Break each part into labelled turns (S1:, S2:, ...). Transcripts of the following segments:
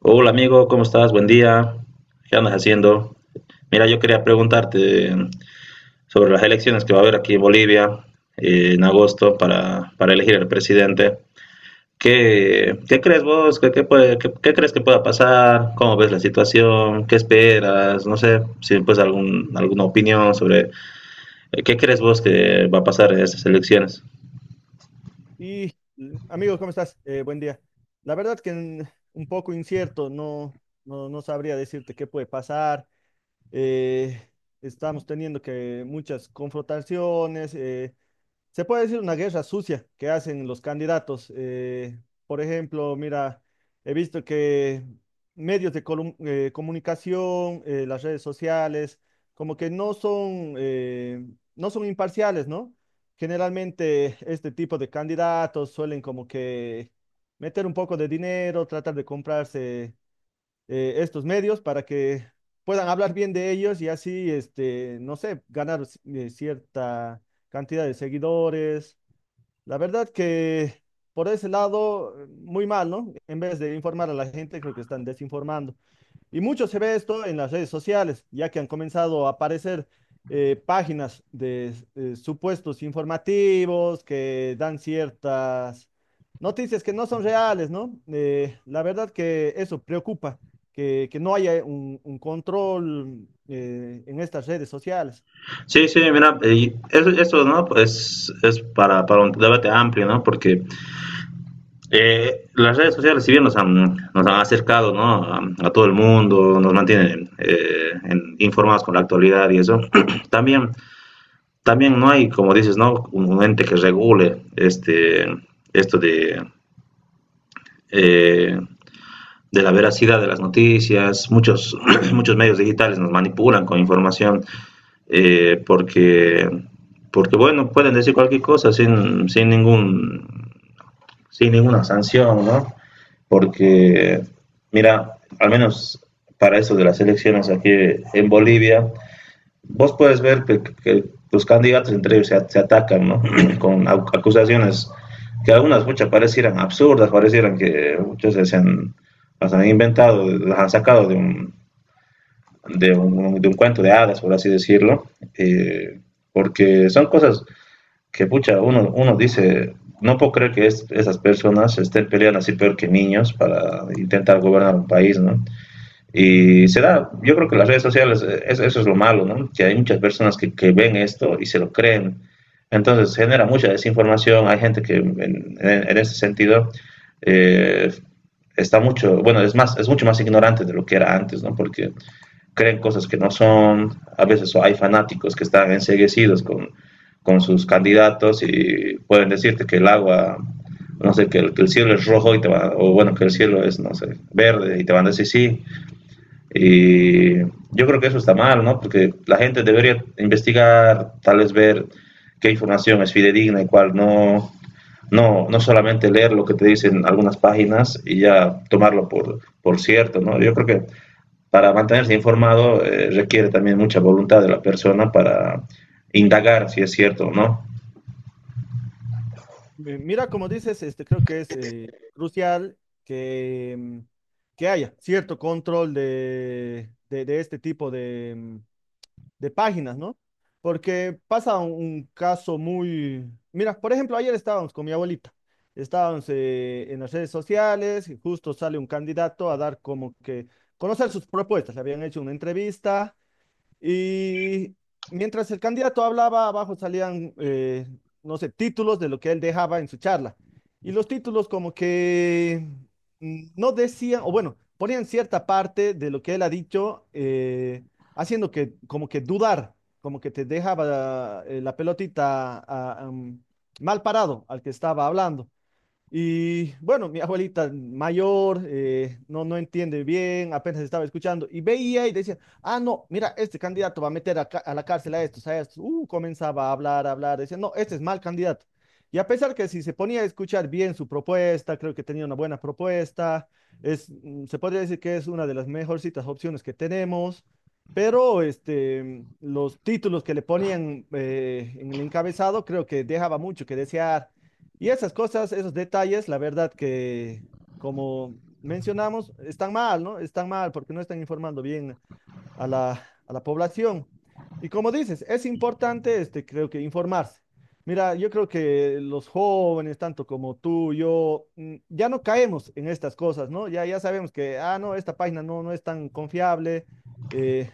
S1: Hola amigo, ¿cómo estás? Buen día. ¿Qué andas haciendo? Mira, yo quería preguntarte sobre las elecciones que va a haber aquí en Bolivia en agosto para elegir al presidente. ¿Qué crees vos? ¿Qué crees que pueda pasar? ¿Cómo ves la situación? ¿Qué esperas? No sé, si pues alguna opinión sobre qué crees vos que va a pasar en estas elecciones.
S2: Y amigo, ¿cómo estás? Buen día. La verdad que un poco incierto, no, no sabría decirte qué puede pasar. Eh, estamos teniendo que muchas confrontaciones. Se puede decir una guerra sucia que hacen los candidatos. Por ejemplo, mira, he visto que medios de comunicación, las redes sociales, como que no son, no son imparciales, ¿no? Generalmente este tipo de candidatos suelen como que meter un poco de dinero, tratar de comprarse estos medios para que puedan hablar bien de ellos y así, este, no sé, ganar cierta cantidad de seguidores. La verdad que por ese lado, muy mal, ¿no? En vez de informar a la gente, creo que están desinformando. Y mucho se ve esto en las redes sociales, ya que han comenzado a aparecer páginas de supuestos informativos que dan ciertas noticias que no son reales, ¿no? La verdad que eso preocupa, que no haya un control en estas redes sociales.
S1: Sí, sí, mira, y eso, ¿no? Pues es para un debate amplio, ¿no? Porque las redes sociales, si bien nos han acercado, ¿no?, a todo el mundo, nos mantienen, informados con la actualidad, y eso, también, también no hay, como dices, ¿no?, un ente que regule esto eh, de la veracidad de las noticias. Muchos, muchos medios digitales nos manipulan con información, porque bueno, pueden decir cualquier cosa sin ningún sin ninguna sanción, ¿no? Porque, mira, al menos para eso de las elecciones aquí en Bolivia, vos puedes ver que, los candidatos entre ellos se atacan, ¿no? Con acusaciones que algunas, muchas parecieran absurdas, parecieran que muchas las han inventado, las han sacado de un cuento de hadas, por así decirlo. eh, Porque son cosas que, pucha, uno dice, no puedo creer que esas personas estén peleando así, peor que niños, para intentar gobernar un país, ¿no? Y se da. Yo creo que las redes sociales, eso es lo malo, ¿no? Que hay muchas personas que, ven esto y se lo creen. Entonces genera mucha desinformación. Hay gente que en ese sentido, eh, está mucho, bueno, es más, es mucho más ignorante de lo que era antes, ¿no? Porque creen cosas que no son. A veces hay fanáticos que están enceguecidos con sus candidatos, y pueden decirte que el agua, no sé, que el cielo es rojo, y te van, o bueno, que el cielo es, no sé, verde, y te van a decir sí. Y yo creo que eso está mal, ¿no? Porque la gente debería investigar, tal vez ver qué información es fidedigna y cuál no, no solamente leer lo que te dicen algunas páginas, y ya tomarlo por cierto, ¿no? Yo creo que para mantenerse informado, requiere también mucha voluntad de la persona para indagar si es cierto o no.
S2: Mira, como dices, este, creo que es crucial que, que haya cierto control de este tipo de... de páginas, ¿no? Porque pasa un caso muy... Mira, por ejemplo, ayer estábamos con mi abuelita, estábamos en las redes sociales y justo sale un candidato a dar como que conocer sus propuestas, le habían hecho una entrevista y mientras el candidato hablaba, abajo salían, no sé, títulos de lo que él dejaba en su charla. Y los títulos como que no decían, o bueno, ponían cierta parte de lo que él ha dicho, haciendo que como que dudar, como que te dejaba la pelotita mal parado al que estaba hablando. Y bueno, mi abuelita mayor no, no entiende bien, apenas estaba escuchando y veía y decía, ah, no, mira, este candidato va a meter a la cárcel a estos, a estos. Comenzaba a hablar, decía, no, este es mal candidato. Y a pesar que si se ponía a escuchar bien su propuesta, creo que tenía una buena propuesta, es, se podría decir que es una de las mejorcitas opciones que tenemos, pero este, los títulos que le ponían en el encabezado creo que dejaba mucho que desear y esas cosas, esos detalles, la verdad que, como mencionamos, están mal, ¿no? Están mal porque no están informando bien a a la población. Y como dices, es importante, este, creo que informarse. Mira, yo creo que los jóvenes, tanto como tú, yo, ya no caemos en estas cosas, ¿no? Ya, ya sabemos que, ah, no, esta página no, no es tan confiable. eh,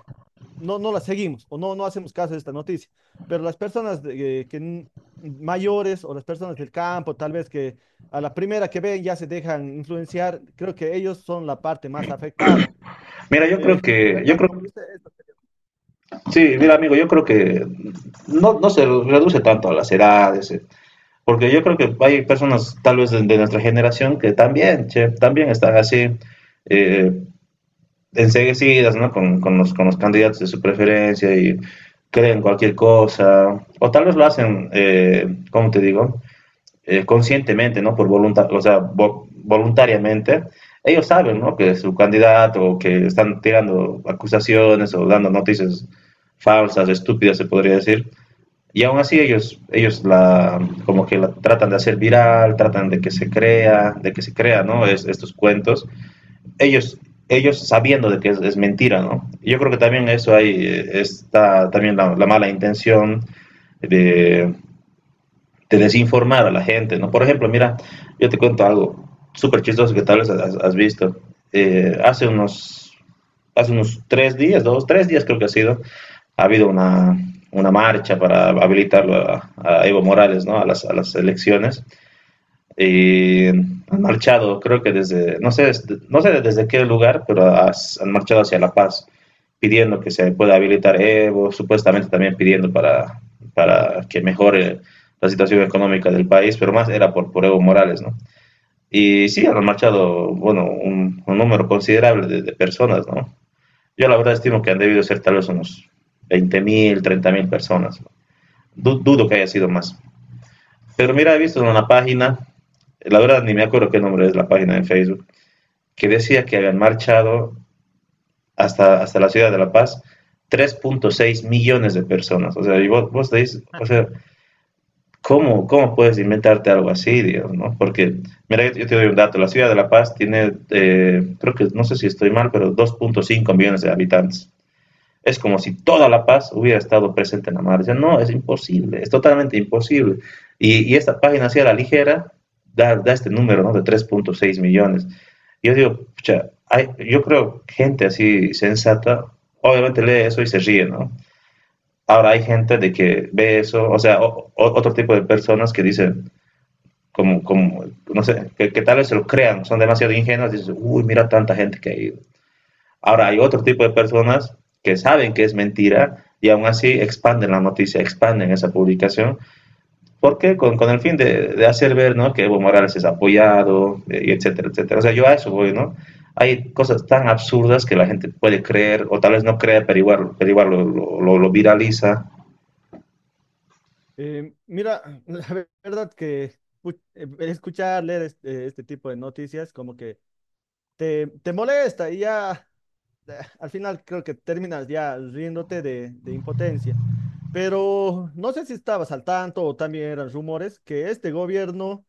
S2: no, no la seguimos o no, no hacemos caso de esta noticia. Pero las personas mayores o las personas del campo, tal vez que a la primera que ven ya se dejan influenciar, creo que ellos son la parte más afectada.
S1: Mira,
S2: La
S1: yo
S2: verdad,
S1: creo,
S2: como dice, esto,
S1: sí, mira amigo, yo creo que no se reduce tanto a las edades, porque yo creo que hay personas tal vez de nuestra generación que también, che, también están así, eh, enseguecidas, ¿no? Con los candidatos de su preferencia, y creen cualquier cosa, o tal vez lo hacen, ¿cómo te digo? Conscientemente, ¿no? Por voluntad, o sea, vo voluntariamente, ellos saben, ¿no?, que su candidato, o que están tirando acusaciones o dando noticias falsas, estúpidas, se podría decir. Y aún así, como que la tratan de hacer viral, tratan de que se crea, ¿no? Estos cuentos. Ellos, ellos sabiendo de que mentira, ¿no? Yo creo que también eso ahí, está también la mala intención de, de desinformar a la gente, ¿no? Por ejemplo, mira, yo te cuento algo súper chistoso que tal vez has visto. Eh, hace, unos, hace unos 3 días, dos, 3 días creo que ha sido, ha habido una marcha para habilitarlo a Evo Morales, ¿no?, a las, a las elecciones. Y han marchado, creo que desde, no sé desde qué lugar, pero han marchado hacia La Paz, pidiendo que se pueda habilitar Evo, supuestamente también pidiendo para que mejore la situación económica del país, pero más era por Evo Morales, ¿no? Y sí, han marchado, bueno, un número considerable de personas, ¿no? Yo la verdad estimo que han debido ser tal vez unos 20.000, 30.000 personas. ¿No? Du Dudo que haya sido más. Pero mira, he visto en una página, la verdad ni me acuerdo qué nombre es, la página de Facebook, que decía que habían marchado hasta la ciudad de La Paz 3,6 millones de personas. O sea, y vos decís, o sea, ¿cómo puedes inventarte algo así, Dios?, ¿no? Porque, mira, yo te doy un dato: la ciudad de La Paz tiene, creo que, no sé si estoy mal, pero 2,5 millones de habitantes. Es como si toda La Paz hubiera estado presente en la madre. No, es imposible, es totalmente imposible. Y esta página, así a la ligera, da este número, ¿no?, de 3,6 millones. Yo digo, pucha, hay, yo creo, gente así sensata obviamente lee eso y se ríe, ¿no? Ahora hay gente de que ve eso, o sea, otro tipo de personas que dicen, como no sé, que tal vez se lo crean, son demasiado ingenuos, dicen, uy, mira tanta gente que ha ido. Ahora, hay otro tipo de personas que saben que es mentira, y aún así expanden la noticia, expanden esa publicación, porque con el fin de hacer ver, ¿no?, que Evo Morales es apoyado, y etcétera, etcétera. O sea, yo a eso voy, ¿no? Hay cosas tan absurdas que la gente puede creer, o tal vez no cree, pero igual lo viraliza.
S2: mira, la verdad que escuchar, leer este, este tipo de noticias como que te molesta y ya al final creo que terminas ya riéndote de impotencia. Pero no sé si estabas al tanto o también eran rumores que este gobierno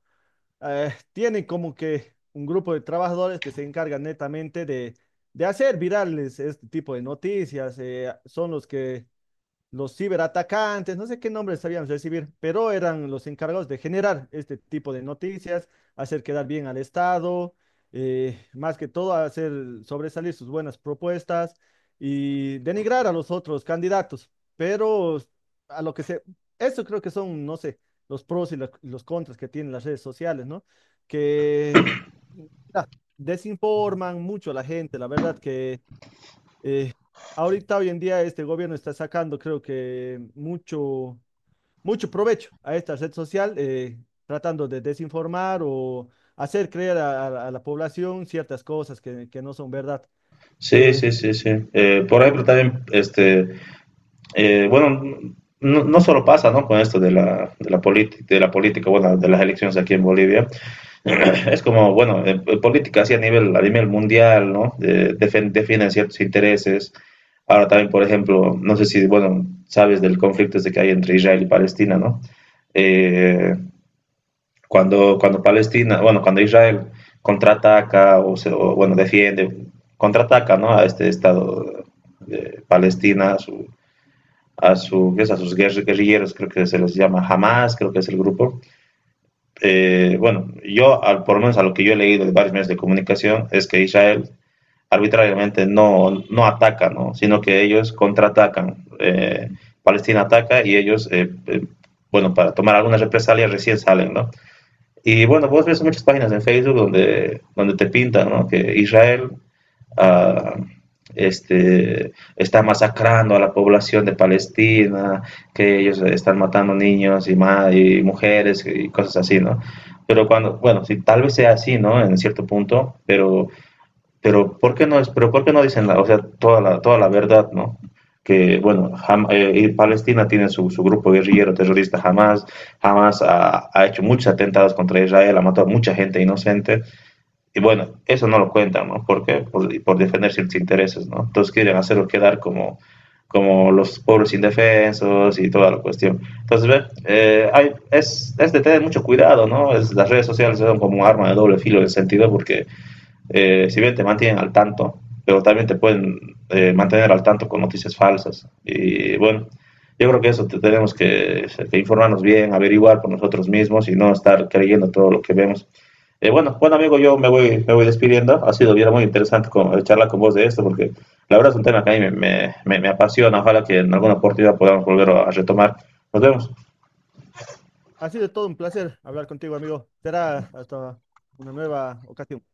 S2: tiene como que un grupo de trabajadores que se encargan netamente de hacer virales este tipo de noticias. Son los que los ciberatacantes, no sé qué nombres sabíamos recibir, pero eran los encargados de generar este tipo de noticias, hacer quedar bien al Estado, más que todo hacer sobresalir sus buenas propuestas y denigrar a los otros candidatos. Pero a lo que se, eso creo que son, no sé, los pros y los contras que tienen las redes sociales, ¿no? Que mira, desinforman mucho a la gente, la verdad que eh, ahorita, hoy en día, este gobierno está sacando, creo que, mucho, mucho provecho a esta red social, tratando de desinformar o hacer creer a la población ciertas cosas que no son verdad.
S1: Sí,
S2: Eh,
S1: sí, sí, sí. Por ejemplo, también, bueno, no solo pasa, ¿no?, con esto de la, de la política, bueno, de las elecciones aquí en Bolivia. Es como, bueno, en política, así a nivel mundial, ¿no? Defienden ciertos intereses. Ahora también, por ejemplo, no sé si, bueno, sabes del conflicto este que hay entre Israel y Palestina, ¿no? Eh, cuando Israel contraataca, o o, bueno, defiende, contraataca, ¿no?, a este Estado de Palestina, ¿qué es?, a sus guerrilleros, creo que se les llama Hamas, creo que es el grupo. Bueno, por lo menos, a lo que yo he leído de varios medios de comunicación, es que Israel arbitrariamente no ataca, ¿no?, sino que ellos contraatacan. Palestina ataca y ellos, bueno, para tomar algunas represalias recién salen, ¿no? Y bueno, vos ves muchas páginas en Facebook donde te pintan, ¿no?, que Israel, ah, está masacrando a la población de Palestina, que ellos están matando niños y, y mujeres y cosas así, ¿no? Pero cuando, bueno, sí, tal vez sea así, ¿no?, en cierto punto, pero ¿por qué no dicen o sea, toda la verdad, ¿no?, que, bueno, Palestina tiene su grupo guerrillero terrorista Hamas. Hamas ha hecho muchos atentados contra Israel, ha matado a mucha gente inocente, y bueno, eso no lo cuentan, ¿no? Porque por defender ciertos intereses, ¿no? Entonces quieren hacerlo quedar como, los pobres indefensos y toda la cuestión. Entonces, ve, de tener mucho cuidado, ¿no? Las redes sociales son como un arma de doble filo, en el sentido porque si bien te mantienen al tanto, pero también te pueden, mantener al tanto con noticias falsas. Y bueno, yo creo que eso, te tenemos que, informarnos bien, averiguar por nosotros mismos, y no estar creyendo todo lo que vemos. Bueno, bueno amigo, yo me voy despidiendo. Ha sido bien, muy interesante, charlar con vos de esto, porque la verdad es un tema que a mí me apasiona. Ojalá que en alguna oportunidad podamos volver a retomar. Nos vemos.
S2: Ha sido todo un placer hablar contigo, amigo. Será hasta una nueva ocasión.